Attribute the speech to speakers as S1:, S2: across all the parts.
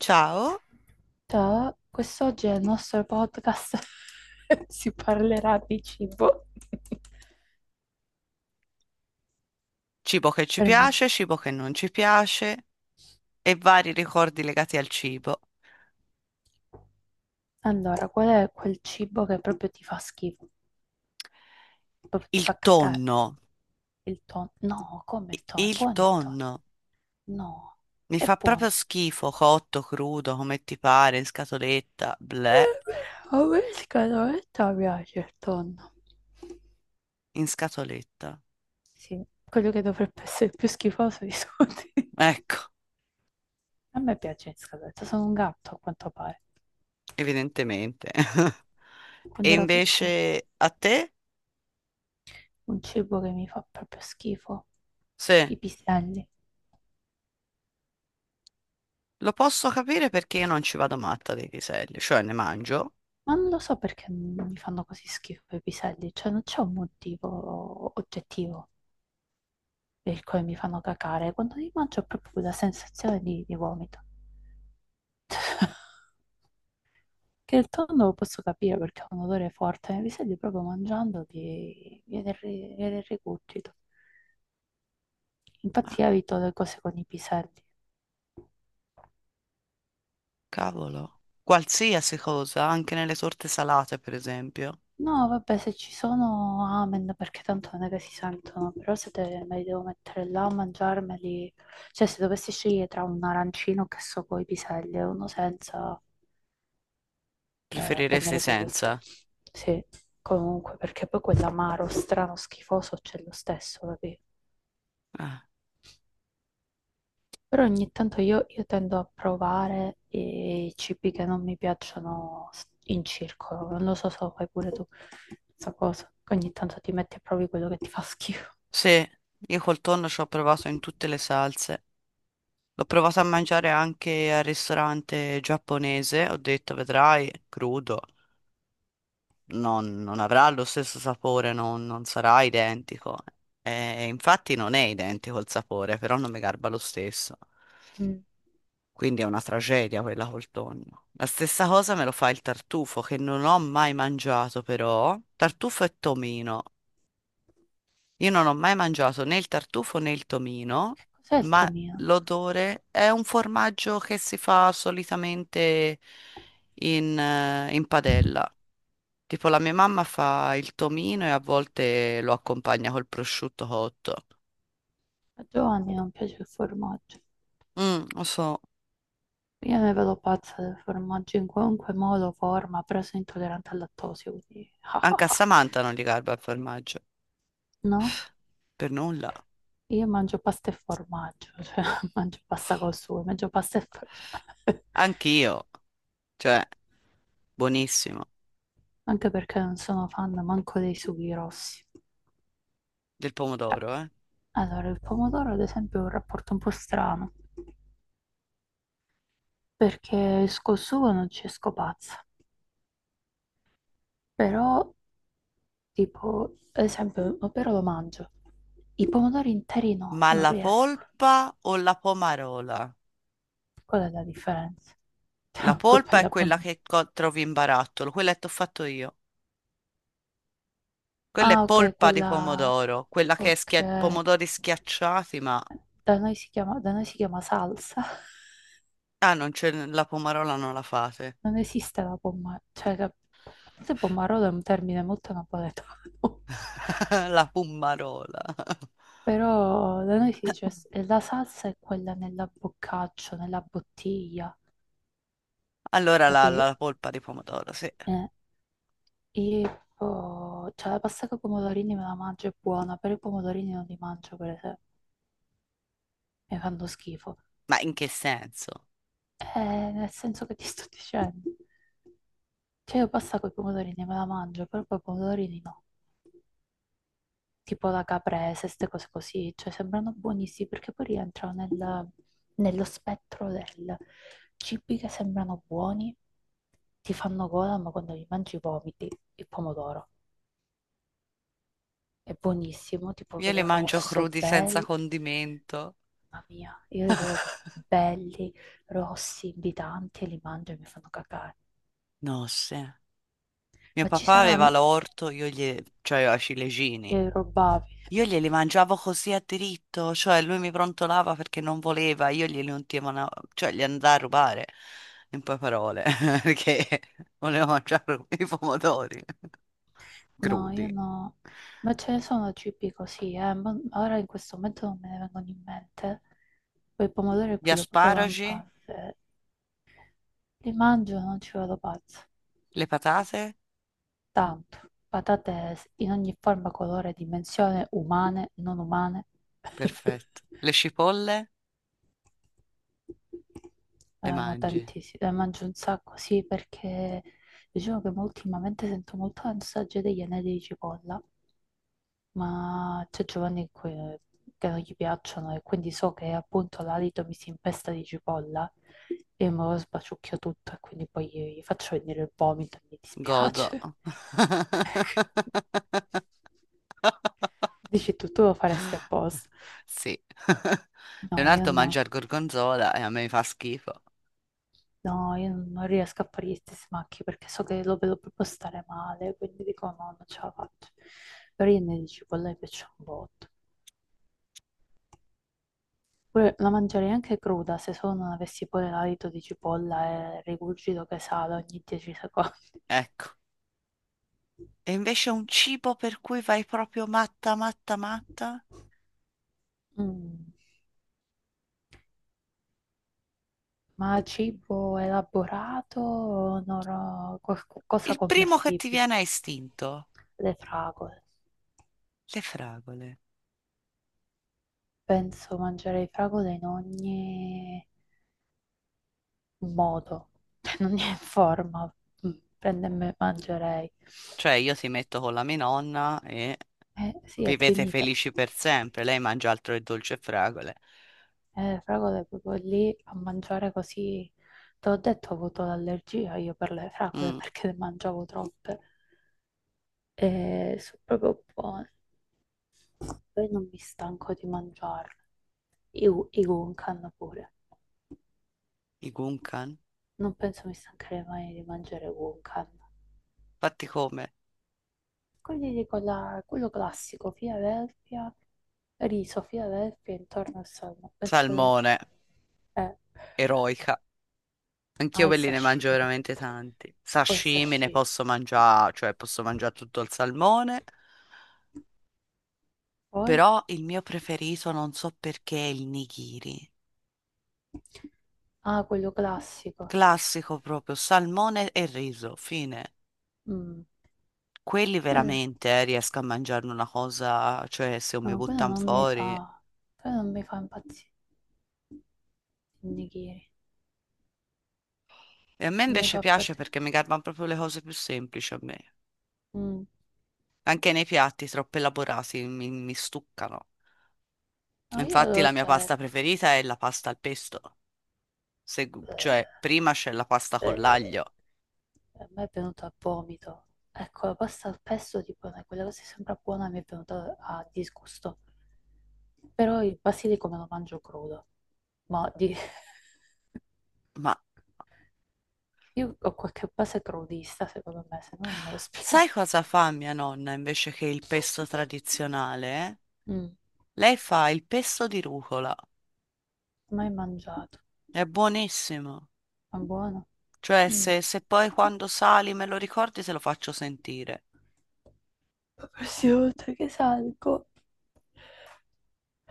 S1: Ciao,
S2: Ciao, quest'oggi nel nostro podcast si parlerà di cibo.
S1: cibo che ci
S2: Per me.
S1: piace, cibo che non ci piace e vari ricordi legati al cibo.
S2: Allora, qual è quel cibo che proprio ti fa schifo? Proprio ti
S1: Il
S2: fa cacare?
S1: tonno,
S2: Il tonno? No, come il tonno? È
S1: il
S2: buono il tonno?
S1: tonno.
S2: No,
S1: Mi
S2: è
S1: fa proprio
S2: buono.
S1: schifo, cotto, crudo, come ti pare, in scatoletta, bleh,
S2: A me scatoletta piace il tonno.
S1: in scatoletta.
S2: Sì, quello che dovrebbe essere il più schifoso di tutti.
S1: Ecco,
S2: A me piace in scatoletta, sono un gatto a quanto pare.
S1: evidentemente. E
S2: Quando ero piccola.
S1: invece a te?
S2: Un cibo che mi fa proprio schifo.
S1: Sì.
S2: I piselli.
S1: Lo posso capire perché io non ci vado matta dei piselli, cioè ne mangio,
S2: Ma non lo so perché mi fanno così schifo i piselli, cioè non c'è un motivo oggettivo per il quale mi fanno cacare. Quando li mangio ho proprio quella sensazione di vomito. Che il tonno lo posso capire perché ha un odore forte, ma i piselli proprio mangiandoli viene, viene il rigurgito. Infatti
S1: ah,
S2: evito le cose con i piselli.
S1: cavolo, qualsiasi cosa, anche nelle torte salate, per esempio.
S2: No, vabbè, se ci sono, amen, perché tanto non è che si sentono, però se te- me li devo mettere là a mangiarmeli, cioè se dovessi scegliere tra un arancino che so coi piselli e uno senza, eh,
S1: Preferiresti
S2: prendere quello s-
S1: senza?
S2: sì, comunque, perché poi quell'amaro strano, schifoso c'è lo stesso, capì?
S1: Ah,
S2: Però ogni tanto io tendo a provare i cibi che non mi piacciono in circolo, non lo so se lo fai pure tu, questa cosa, che ogni tanto ti metti a provi quello che ti fa schifo.
S1: sì, io col tonno ci ho provato in tutte le salse. L'ho provato a mangiare anche al ristorante giapponese, ho detto, vedrai, crudo. Non avrà lo stesso sapore, non sarà identico. Infatti non è identico il sapore, però non mi garba lo stesso.
S2: Mm.
S1: Quindi è una tragedia quella col tonno. La stessa cosa me lo fa il tartufo, che non ho mai mangiato però. Tartufo e tomino. Io non ho mai mangiato né il tartufo né il tomino,
S2: Cos'è il
S1: ma
S2: tuo mio?
S1: l'odore è un formaggio che si fa solitamente in, in padella. Tipo la mia mamma fa il tomino e a volte lo accompagna col prosciutto cotto.
S2: A Giovanni non piace il formaggio.
S1: Mm, lo so.
S2: Io ne vedo pazza del formaggio in qualunque modo, forma, però sono intollerante al lattosio, quindi ah,
S1: Anche
S2: ah,
S1: a
S2: ah.
S1: Samantha non gli garba il formaggio.
S2: No?
S1: Per nulla.
S2: Io mangio pasta e formaggio, cioè mangio pasta col sugo, mangio pasta e formaggio.
S1: Anch'io. Cioè, buonissimo.
S2: Anche perché non sono fan manco dei sughi rossi.
S1: Del
S2: Eh,
S1: pomodoro, eh.
S2: Allora, il pomodoro ad esempio è un rapporto un po' strano, perché esco il sugo non ci esco pazza, però. Tipo, ad esempio, però lo mangio. I pomodori interi no,
S1: Ma
S2: non
S1: la
S2: riesco.
S1: polpa o la pomarola?
S2: Qual è la differenza?
S1: La
S2: Tra polpa
S1: polpa
S2: e
S1: è
S2: la
S1: quella
S2: pom-
S1: che trovi in barattolo, quella che ti ho fatto io. Quella è
S2: Ah, ok,
S1: polpa di
S2: quella...
S1: pomodoro, quella che è
S2: Ok.
S1: pomodori schiacciati, ma...
S2: Da noi si chiama salsa.
S1: Ah, non c'è, la pomarola non la fate.
S2: Non esiste la pomma... Cioè, la... forse pommarolo è un termine molto napoletano.
S1: La pomarola.
S2: Però da noi si dice la salsa è quella nella boccaccio, nella bottiglia,
S1: Allora la,
S2: capì?
S1: la polpa di pomodoro, sì.
S2: Eh, E poi, cioè, la pasta con i pomodorini me la mangio, è buona, però i pomodorini non li mangio per esempio, mi fanno schifo.
S1: Ma in che senso?
S2: Eh, nel senso che ti sto dicendo. Cioè, io pasta con i pomodorini me la mangio, però poi i pomodorini no. Tipo la caprese, queste cose così, cioè, sembrano buonissimi perché poi rientrano nello spettro del cibi che sembrano buoni, ti fanno gola, ma quando li mangi vomiti il pomodoro. È buonissimo, tipo
S1: Io le
S2: vedo
S1: mangio
S2: rosso,
S1: crudi senza
S2: bello.
S1: condimento.
S2: Mamma mia, io li vedo belli, rossi, invitanti e li mangio e mi fanno cacare.
S1: No, sì. Mio
S2: Ma ci
S1: papà aveva
S2: saranno...
S1: l'orto, io gli... cioè aveva i ciliegini.
S2: Li rubavi?
S1: Io glieli mangiavo così a diritto, cioè lui mi prontolava perché non voleva, io glieli ultimavo, cioè gli andai a rubare, in poche parole, perché volevo mangiare i pomodori
S2: No, io
S1: crudi.
S2: no. Ma ce ne sono cibi così, eh, ma ora in questo momento non me ne vengono in mente. Quel pomodoro è
S1: Gli
S2: quello proprio
S1: asparagi,
S2: lampante. Li mangio e non ci vado pazzo.
S1: le patate,
S2: Tanto, patate in ogni forma, colore, dimensione, umane, non umane.
S1: perfetto. Le cipolle, le
S2: Ma
S1: mangi.
S2: tantissimo, mangio un sacco, sì, perché diciamo che mo ultimamente sento molto l'ansaggio degli anelli di cipolla, ma c'è Giovanni che non gli piacciono e quindi so che appunto l'alito mi si impesta di cipolla e me lo sbaciucchio tutto e quindi poi gli faccio venire il vomito e mi
S1: Godo.
S2: dispiace. Dici tu, tu lo faresti apposta?
S1: Sì.
S2: No, io
S1: Leonardo
S2: no.
S1: mangia il gorgonzola e a me fa schifo.
S2: No, io non riesco a fare gli stessi macchi perché so che lo vedo proprio stare male, quindi dico no, non ce la faccio. Però io ne dici, cipolla mi piace un botto. Pure la mangerei anche cruda, se solo non avessi pure l'alito di cipolla e il rigurgito che sale ogni 10 secondi.
S1: Ecco. E invece un cibo per cui vai proprio matta, matta, matta?
S2: Mm. Ma cibo elaborato o no, no, qualcosa
S1: Il primo che ti
S2: commestibile?
S1: viene a istinto?
S2: Le fragole.
S1: Le fragole.
S2: Penso mangerei fragole in ogni modo, cioè non è in forma, mm, prende e me mangerei.
S1: Cioè, io ti metto con la mia nonna e
S2: Sì, è
S1: vivete
S2: finita.
S1: felici per sempre. Lei mangia altro che dolce e fragole.
S2: Fragole proprio lì a mangiare così. Te l'ho detto, ho avuto l'allergia io per le fragole
S1: Mm,
S2: perché ne mangiavo troppe. E sono proprio buone. Poi non mi stanco di mangiarle. I gunkan pure.
S1: i gunkan.
S2: Non penso mi stancherei mai di mangiare gunkan.
S1: Fatti come?
S2: Quelli lì con la- Quello classico, Philadelphia, riso, Philadelphia intorno al salmo.
S1: Salmone.
S2: Eh,
S1: Eroica. Anch'io
S2: ah, il
S1: quelli ne mangio
S2: sashimi lì.
S1: veramente tanti.
S2: E poi il
S1: Sashimi ne
S2: sashimi.
S1: posso mangiare, cioè posso mangiare tutto il salmone,
S2: Poi,
S1: però il mio preferito non so perché è il nigiri.
S2: ah, quello classico.
S1: Classico proprio, salmone e riso, fine.
S2: Mm,
S1: Quelli
S2: quello,
S1: veramente riesco a mangiarne una cosa, cioè se mi
S2: no,
S1: buttano fuori.
S2: quello non mi fa impazzire. Il nigiri.
S1: E a me
S2: Non mi
S1: invece
S2: fa
S1: piace
S2: partire.
S1: perché mi garbano proprio le cose più semplici a me.
S2: Mm,
S1: Anche nei piatti troppo elaborati mi stuccano.
S2: no, io
S1: Infatti la
S2: lo
S1: mia pasta
S2: cerco.
S1: preferita è la pasta al pesto. se- cioè prima c'è la pasta con
S2: Eh,
S1: l'aglio,
S2: a me è venuto a vomito. Ecco, la pasta al pesto, tipo, quella cosa sembra buona, mi è venuta a disgusto. Però il basilico me lo mangio crudo. Ma di-
S1: ma
S2: io ho qualche base crudista, secondo me, se no non me lo spiego.
S1: sai cosa fa mia nonna invece che il pesto tradizionale?
S2: Mm,
S1: Lei fa il pesto di rucola,
S2: mai mangiato.
S1: è buonissimo.
S2: Ma buono.
S1: Cioè,
S2: Mm.
S1: se poi quando sali me lo ricordi, te lo faccio sentire,
S2: La prossima volta che salgo,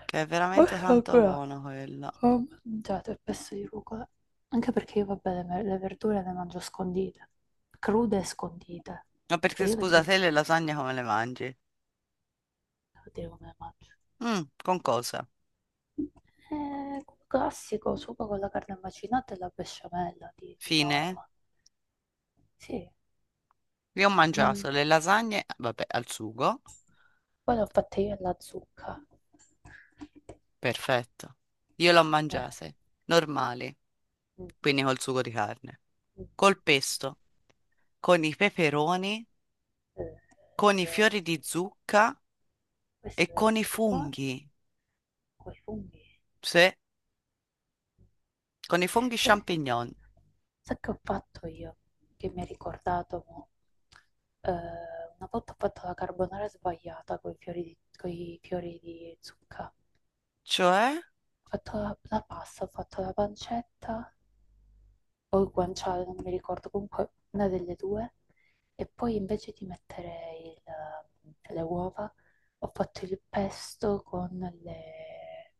S1: che è
S2: ho
S1: veramente tanto
S2: ancora
S1: buono quella.
S2: ho mangiato il pesto di rucola. Anche perché io, vabbè, le verdure le mangio scondite. Crude e scondite.
S1: Ma
S2: Cioè,
S1: perché
S2: io
S1: scusa,
S2: vedete,
S1: te le lasagne come le mangi?
S2: devo dire come le mangio.
S1: Mm, con cosa?
S2: Classico, sugo con la carne macinata e la besciamella di
S1: Fine?
S2: norma. Sì,
S1: Io ho
S2: non,
S1: mangiato le lasagne, vabbè, al sugo,
S2: poi l'ho fatta io alla zucca.
S1: perfetto. Io le ho
S2: Eh,
S1: mangiate, normali.
S2: mm,
S1: Quindi col sugo di carne,
S2: mm,
S1: col pesto, con i peperoni,
S2: eh,
S1: con i
S2: vero.
S1: fiori di zucca
S2: Questo
S1: e
S2: deve
S1: con i
S2: essere buono
S1: funghi,
S2: con i funghi.
S1: sì, con i funghi
S2: Sai,
S1: champignon.
S2: sai che ho fatto io? Che mi ha ricordato mo? Una volta ho fatto la carbonara sbagliata con i fiori di, coi fiori di zucca. Ho
S1: Cioè,
S2: fatto la pasta, ho fatto la pancetta, o il guanciale, non mi ricordo, comunque una delle due. E poi invece di mettere le uova, ho fatto il pesto con le,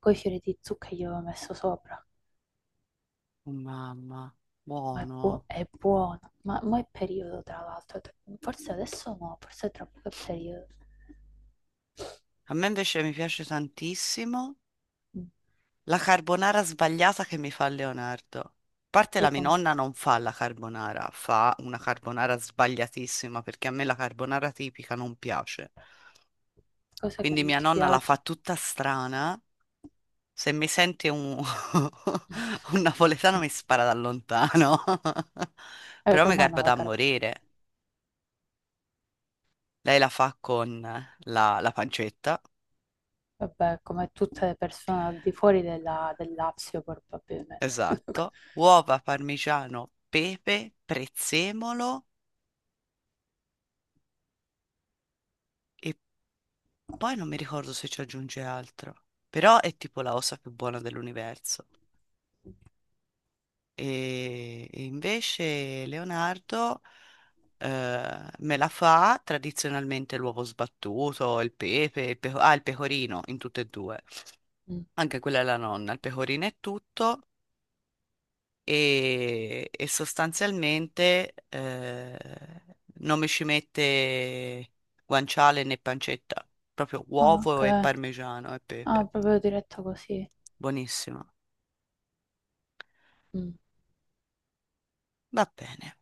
S2: coi fiori di zucca che gli avevo messo sopra.
S1: oh mamma,
S2: Ma è,
S1: buono.
S2: è buono. Ma mo è periodo, tra l'altro. Forse adesso no, forse tra poco è periodo.
S1: A me invece mi piace tantissimo
S2: Mm,
S1: la carbonara sbagliata che mi fa Leonardo. A parte la
S2: Che
S1: mia
S2: com-
S1: nonna non fa la carbonara, fa una carbonara sbagliatissima perché a me la carbonara tipica non piace.
S2: cosa che
S1: Quindi
S2: non
S1: mia
S2: ti
S1: nonna la fa
S2: piace?
S1: tutta strana. Se mi sente un, un napoletano mi spara da lontano.
S2: È
S1: Però mi
S2: romana
S1: garba
S2: la
S1: da
S2: carne.
S1: morire. Lei la fa con la pancetta,
S2: Vabbè, come tutte le persone al di fuori della, del Lazio, probabilmente.
S1: esatto, uova, parmigiano, pepe, prezzemolo e poi non mi ricordo se ci aggiunge altro. Però è tipo la cosa più buona dell'universo. E invece Leonardo me la fa tradizionalmente l'uovo sbattuto, il pepe, il il pecorino in tutte e due. Anche quella è la nonna, il pecorino è tutto e sostanzialmente non mi ci mette guanciale né pancetta, proprio
S2: Ah,
S1: uovo
S2: ok.
S1: e parmigiano e
S2: Ah,
S1: pepe.
S2: proprio diretta così.
S1: Buonissimo.
S2: Mm.
S1: Va bene.